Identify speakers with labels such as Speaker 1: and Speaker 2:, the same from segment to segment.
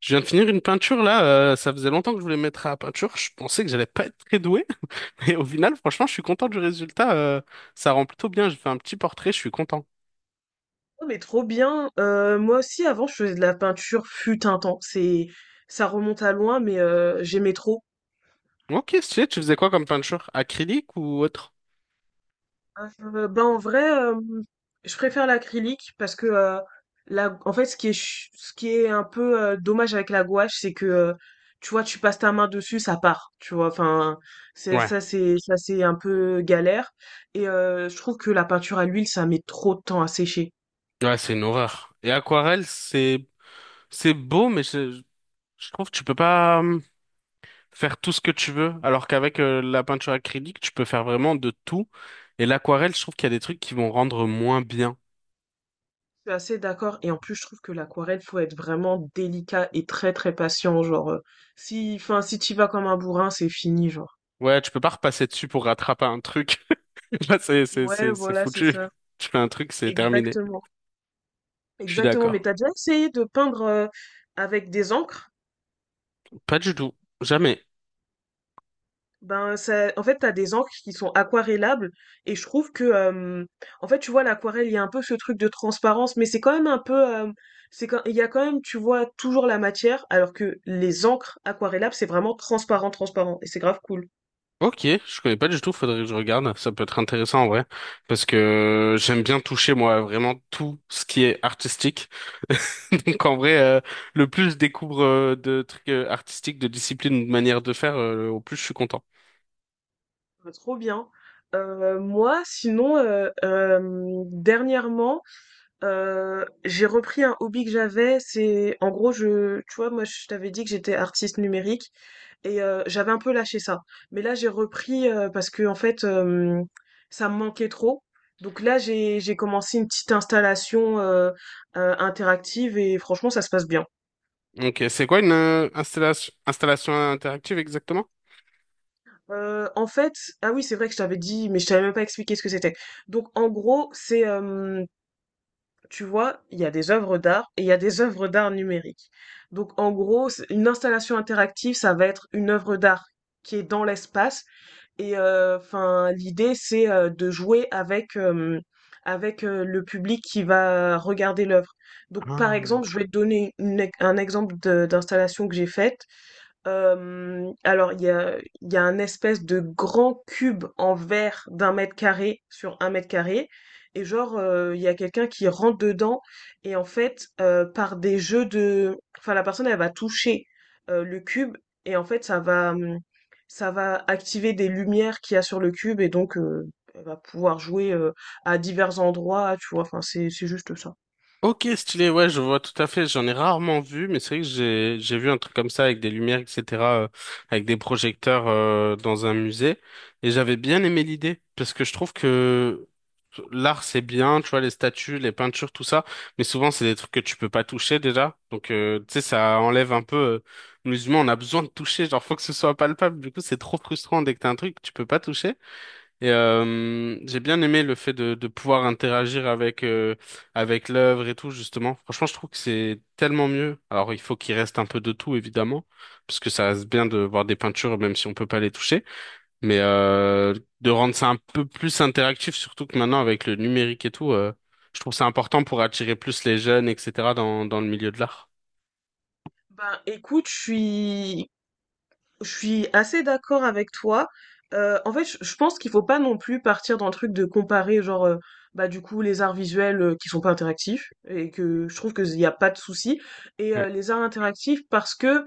Speaker 1: Je viens de finir une peinture là, ça faisait longtemps que je voulais me mettre à la peinture, je pensais que j'allais pas être très doué, mais au final franchement je suis content du résultat, ça rend plutôt bien, j'ai fait un petit portrait, je suis content.
Speaker 2: Oh, mais trop bien. Moi aussi, avant, je faisais de la peinture, fut un temps. Ça remonte à loin, mais j'aimais trop.
Speaker 1: Ok, stylé, tu faisais quoi comme peinture? Acrylique ou autre?
Speaker 2: Ben, en vrai, je préfère l'acrylique parce que la en fait, ce qui est un peu dommage avec la gouache, c'est que tu vois, tu passes ta main dessus, ça part, tu vois? Enfin, c'est
Speaker 1: Ouais,
Speaker 2: ça c'est ça c'est un peu galère et je trouve que la peinture à l'huile, ça met trop de temps à sécher.
Speaker 1: ouais c'est une horreur. Et aquarelle c'est beau mais je trouve que tu peux pas faire tout ce que tu veux, alors qu'avec la peinture acrylique tu peux faire vraiment de tout, et l'aquarelle je trouve qu'il y a des trucs qui vont rendre moins bien.
Speaker 2: Je suis assez d'accord. Et en plus, je trouve que l'aquarelle, faut être vraiment délicat et très très patient. Genre, si, enfin, si tu vas comme un bourrin, c'est fini, genre.
Speaker 1: Ouais, tu peux pas repasser dessus pour rattraper un truc. Là,
Speaker 2: Ouais,
Speaker 1: c'est
Speaker 2: voilà, c'est
Speaker 1: foutu.
Speaker 2: ça.
Speaker 1: Tu fais un truc, c'est terminé.
Speaker 2: Exactement.
Speaker 1: Je suis
Speaker 2: Exactement. Mais
Speaker 1: d'accord.
Speaker 2: t'as déjà essayé de peindre avec des encres?
Speaker 1: Pas du tout. Jamais.
Speaker 2: Ben, ça, en fait, t'as des encres qui sont aquarellables. Et je trouve que, en fait, tu vois, l'aquarelle, il y a un peu ce truc de transparence, mais c'est quand même un peu, il y a quand même, tu vois, toujours la matière, alors que les encres aquarellables, c'est vraiment transparent, transparent. Et c'est grave cool.
Speaker 1: Ok, je connais pas du tout, faudrait que je regarde. Ça peut être intéressant en vrai. Parce que j'aime bien toucher, moi, vraiment tout ce qui est artistique. Donc en vrai, le plus je découvre de trucs artistiques, de disciplines, ou de manières de faire, au plus je suis content.
Speaker 2: Bah, trop bien. Moi, sinon, dernièrement, j'ai repris un hobby que j'avais. C'est, en gros, tu vois, moi, je t'avais dit que j'étais artiste numérique et j'avais un peu lâché ça. Mais là, j'ai repris parce que, en fait, ça me manquait trop. Donc là, j'ai commencé une petite installation interactive et franchement, ça se passe bien.
Speaker 1: Ok, c'est quoi une installation interactive exactement?
Speaker 2: Euh, en fait, ah oui, c'est vrai que je t'avais dit, mais je t'avais même pas expliqué ce que c'était. Donc, en gros, c'est tu vois, il y a des œuvres d'art et il y a des œuvres d'art numériques. Donc en gros, une installation interactive, ça va être une œuvre d'art qui est dans l'espace. Et enfin, l'idée, c'est de jouer avec le public qui va regarder l'œuvre. Donc par
Speaker 1: Ah.
Speaker 2: exemple, je vais te donner un exemple d'installation que j'ai faite. Il y a un espèce de grand cube en verre d'un mètre carré sur un mètre carré. Et genre, il y a quelqu'un qui rentre dedans. Et en fait, par des jeux de... Enfin, la personne, elle va toucher le cube. Et en fait, ça va activer des lumières qu'il y a sur le cube. Et donc, elle va pouvoir jouer à divers endroits, tu vois. Enfin, c'est juste ça.
Speaker 1: Ok, stylé, ouais, je vois tout à fait. J'en ai rarement vu, mais c'est vrai que j'ai vu un truc comme ça avec des lumières, etc., euh, avec des projecteurs dans un musée, et j'avais bien aimé l'idée parce que je trouve que l'art c'est bien, tu vois, les statues, les peintures, tout ça, mais souvent c'est des trucs que tu peux pas toucher déjà, donc tu sais ça enlève un peu. Euh, nous on a besoin de toucher, genre faut que ce soit palpable. Du coup, c'est trop frustrant dès que t'as un truc que tu peux pas toucher. Et j'ai bien aimé le fait de pouvoir interagir avec avec l'œuvre et tout justement. Franchement, je trouve que c'est tellement mieux. Alors, il faut qu'il reste un peu de tout évidemment, parce que ça reste bien de voir des peintures même si on peut pas les toucher. Mais de rendre ça un peu plus interactif, surtout que maintenant avec le numérique et tout, je trouve ça important pour attirer plus les jeunes, etc. dans le milieu de l'art.
Speaker 2: Ben, écoute, je suis assez d'accord avec toi. Je pense qu'il faut pas non plus partir dans le truc de comparer, genre, bah du coup, les arts visuels qui sont pas interactifs et que je trouve qu'il n'y a pas de souci et
Speaker 1: Ouais,
Speaker 2: euh, les arts interactifs parce que,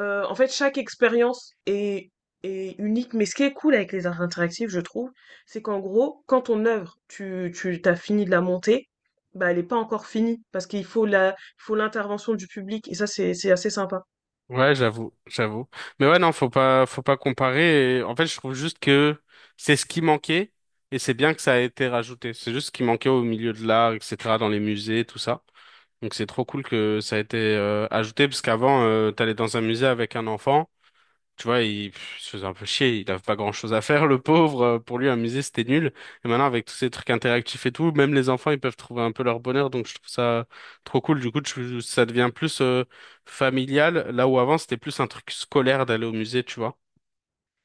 Speaker 2: chaque expérience est unique. Mais ce qui est cool avec les arts interactifs, je trouve, c'est qu'en gros, quand ton œuvre, tu t'as fini de la monter, bah elle est pas encore finie parce qu'il faut il faut l'intervention du public et ça c'est assez sympa.
Speaker 1: ouais, j'avoue, j'avoue. Mais ouais, non, faut pas comparer. Et en fait, je trouve juste que c'est ce qui manquait et c'est bien que ça a été rajouté. C'est juste ce qui manquait au milieu de l'art, etc., dans les musées, tout ça. Donc c'est trop cool que ça a été ajouté parce qu'avant, t'allais dans un musée avec un enfant. Tu vois, il pff, il se faisait un peu chier, il avait pas grand-chose à faire, le pauvre. Pour lui, un musée, c'était nul. Et maintenant, avec tous ces trucs interactifs et tout, même les enfants, ils peuvent trouver un peu leur bonheur. Donc, je trouve ça trop cool. Du coup, ça devient plus familial, là où avant, c'était plus un truc scolaire d'aller au musée, tu vois.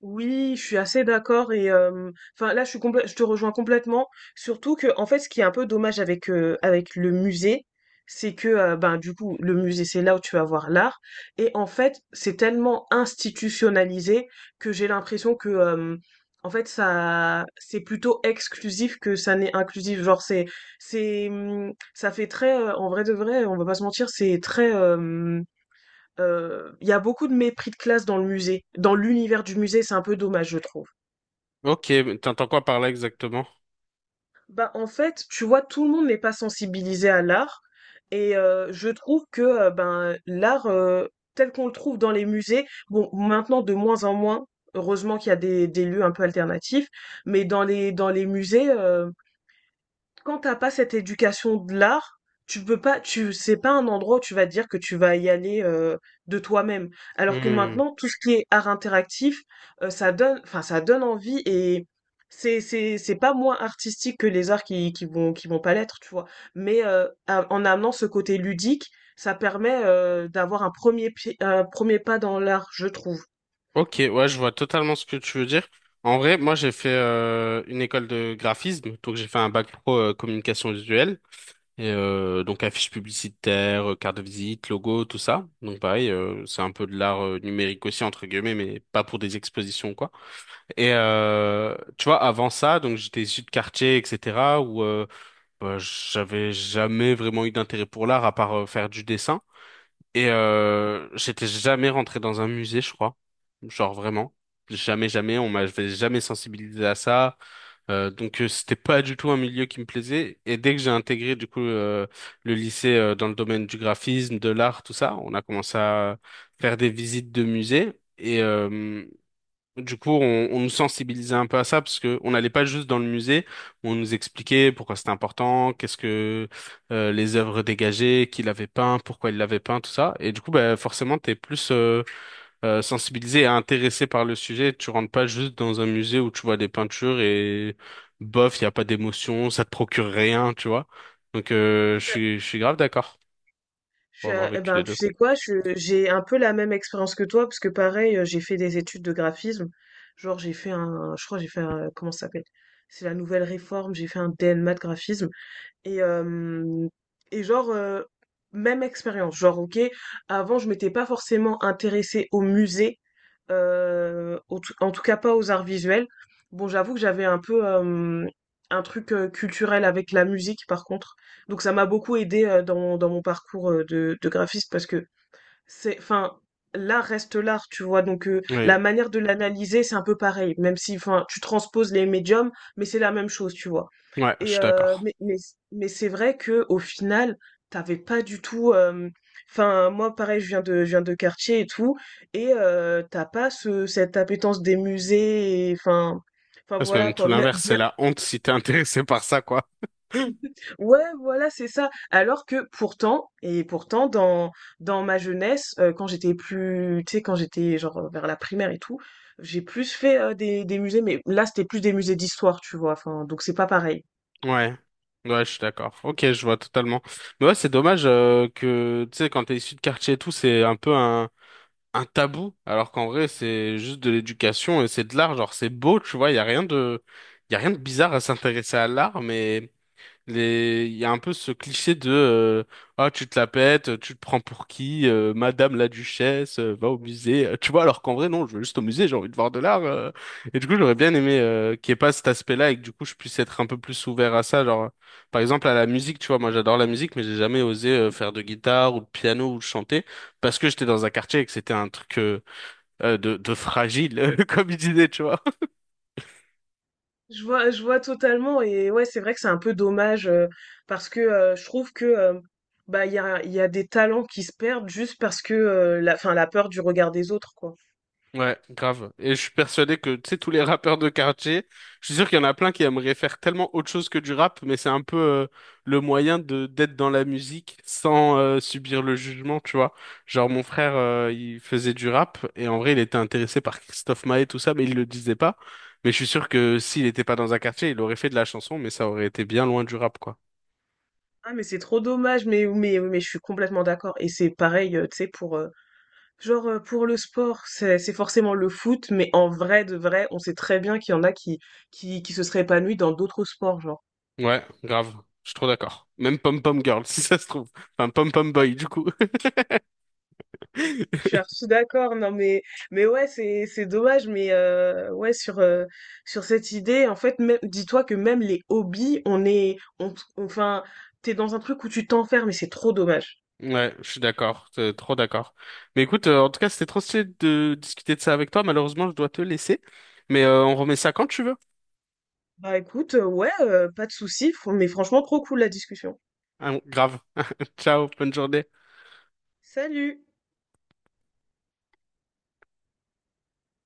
Speaker 2: Oui, je suis assez d'accord et enfin là je suis je te rejoins complètement. Surtout que en fait ce qui est un peu dommage avec, avec le musée, c'est que ben du coup le musée c'est là où tu vas voir l'art et en fait c'est tellement institutionnalisé que j'ai l'impression que, en fait ça c'est plutôt exclusif que ça n'est inclusif. C'est ça fait très en vrai de vrai on va pas se mentir c'est très. Il y a beaucoup de mépris de classe dans le musée, dans l'univers du musée, c'est un peu dommage, je trouve.
Speaker 1: Ok, mais t'entends quoi par là exactement?
Speaker 2: Bah, en fait, tu vois, tout le monde n'est pas sensibilisé à l'art, et je trouve que, ben l'art tel qu'on le trouve dans les musées, bon, maintenant de moins en moins, heureusement qu'il y a des lieux un peu alternatifs, mais dans les musées, quand t'as pas cette éducation de l'art, tu peux pas, tu, c'est pas un endroit où tu vas te dire que tu vas y aller de toi-même. Alors que
Speaker 1: Hmm.
Speaker 2: maintenant, tout ce qui est art interactif, ça donne, enfin, ça donne envie et c'est pas moins artistique que les arts qui vont pas l'être, tu vois. En amenant ce côté ludique, ça permet d'avoir un un premier pas dans l'art, je trouve.
Speaker 1: Ok, ouais, je vois totalement ce que tu veux dire. En vrai, moi, j'ai fait une école de graphisme, donc j'ai fait un bac pro communication visuelle. Et donc affiches publicitaires, cartes de visite, logos, tout ça. Donc pareil, c'est un peu de l'art numérique aussi entre guillemets, mais pas pour des expositions quoi. Et tu vois, avant ça, donc j'étais issu de quartier, etc. où bah, j'avais jamais vraiment eu d'intérêt pour l'art à part faire du dessin. Et j'étais jamais rentré dans un musée, je crois. Genre vraiment. Jamais, jamais. On m'avait jamais sensibilisé à ça. Donc c'était pas du tout un milieu qui me plaisait. Et dès que j'ai intégré du coup le lycée dans le domaine du graphisme, de l'art, tout ça, on a commencé à faire des visites de musées. Et, du coup, on nous sensibilisait un peu à ça parce que on n'allait pas juste dans le musée, on nous expliquait pourquoi c'était important, qu'est-ce que les œuvres dégagées, qui l'avait peint, pourquoi il l'avait peint, tout ça. Et du coup, bah, forcément, t'es plus sensibilisé et intéressé par le sujet. Tu rentres pas juste dans un musée où tu vois des peintures et bof, il y a pas d'émotion, ça te procure rien, tu vois. Donc, je suis grave d'accord pour avoir
Speaker 2: Eh
Speaker 1: vécu
Speaker 2: ben,
Speaker 1: les
Speaker 2: tu
Speaker 1: deux.
Speaker 2: sais quoi, j'ai un peu la même expérience que toi, parce que pareil, j'ai fait des études de graphisme. Genre, je crois, que j'ai fait comment ça s'appelle? C'est la nouvelle réforme, j'ai fait un DNMAT graphisme. Et, euh, et genre, euh, Même expérience. Genre, ok, avant, je m'étais pas forcément intéressée au musée, en tout cas pas aux arts visuels. Bon, j'avoue que j'avais un peu un truc culturel avec la musique, par contre. Donc, ça m'a beaucoup aidé dans mon parcours de graphiste parce que c'est, enfin, l'art reste l'art, tu vois.
Speaker 1: Oui,
Speaker 2: La manière de l'analyser, c'est un peu pareil, même si, enfin, tu transposes les médiums, mais c'est la même chose, tu vois.
Speaker 1: ouais, je
Speaker 2: Et
Speaker 1: suis
Speaker 2: euh,
Speaker 1: d'accord.
Speaker 2: mais mais, mais c'est vrai que au final, t'avais pas du tout. Enfin, moi, pareil, je viens de quartier et tout, et t'as pas ce cette appétence des musées. Enfin, enfin
Speaker 1: C'est
Speaker 2: voilà
Speaker 1: même tout
Speaker 2: quoi.
Speaker 1: l'inverse, c'est la honte si t'es intéressé par ça, quoi.
Speaker 2: Ouais, voilà, c'est ça. Alors que pourtant, et pourtant, dans ma jeunesse, quand j'étais plus, tu sais, quand j'étais genre vers la primaire et tout, j'ai plus fait des musées, mais là, c'était plus des musées d'histoire, tu vois. Enfin, donc c'est pas pareil.
Speaker 1: Ouais, ouais, je suis d'accord. Ok, je vois totalement. Mais ouais, c'est dommage que, tu sais, quand t'es issu de quartier et tout, c'est un peu un tabou, alors qu'en vrai, c'est juste de l'éducation et c'est de l'art. Genre, c'est beau, tu vois, il y a rien de, y a rien de bizarre à s'intéresser à l'art, mais les... Il y a un peu ce cliché de ah tu te la pètes, tu te prends pour qui, Madame la Duchesse, va au musée. Tu vois, alors qu'en vrai non, je veux juste au musée, j'ai envie de voir de l'art. Euh, et du coup j'aurais bien aimé qu'il n'y ait pas cet aspect-là et que du coup je puisse être un peu plus ouvert à ça. Genre par exemple à la musique, tu vois, moi j'adore la musique, mais j'ai jamais osé faire de guitare ou de piano ou de chanter parce que j'étais dans un quartier et que c'était un truc de fragile, comme il disait, tu vois.
Speaker 2: Je vois totalement et ouais, c'est vrai que c'est un peu dommage parce que je trouve que bah il y a des talents qui se perdent juste parce que enfin la peur du regard des autres quoi.
Speaker 1: Ouais, grave. Et je suis persuadé que, tu sais, tous les rappeurs de quartier, je suis sûr qu'il y en a plein qui aimeraient faire tellement autre chose que du rap, mais c'est un peu le moyen de d'être dans la musique sans subir le jugement, tu vois. Genre, mon frère, il faisait du rap, et en vrai, il était intéressé par Christophe Maé, tout ça, mais il le disait pas. Mais je suis sûr que s'il n'était pas dans un quartier, il aurait fait de la chanson, mais ça aurait été bien loin du rap, quoi.
Speaker 2: Ah mais c'est trop dommage mais je suis complètement d'accord et c'est pareil tu sais pour le sport c'est forcément le foot mais en vrai de vrai on sait très bien qu'il y en a qui qui se seraient épanouis dans d'autres sports genre.
Speaker 1: Ouais, grave. Je suis trop d'accord. Même Pom Pom Girl, si ça se trouve. Enfin, Pom Pom Boy, du coup.
Speaker 2: Je suis archi d'accord, non mais ouais c'est dommage mais ouais sur sur cette idée en fait même dis-toi que même les hobbies on est on enfin t'es dans un truc où tu t'enfermes et c'est trop dommage.
Speaker 1: Ouais, je suis d'accord, trop d'accord. Mais écoute, en tout cas, c'était trop stylé de discuter de ça avec toi. Malheureusement, je dois te laisser. Mais on remet ça quand tu veux.
Speaker 2: Bah écoute ouais pas de souci mais franchement trop cool la discussion.
Speaker 1: Ah, grave. Ciao, bonne journée.
Speaker 2: Salut.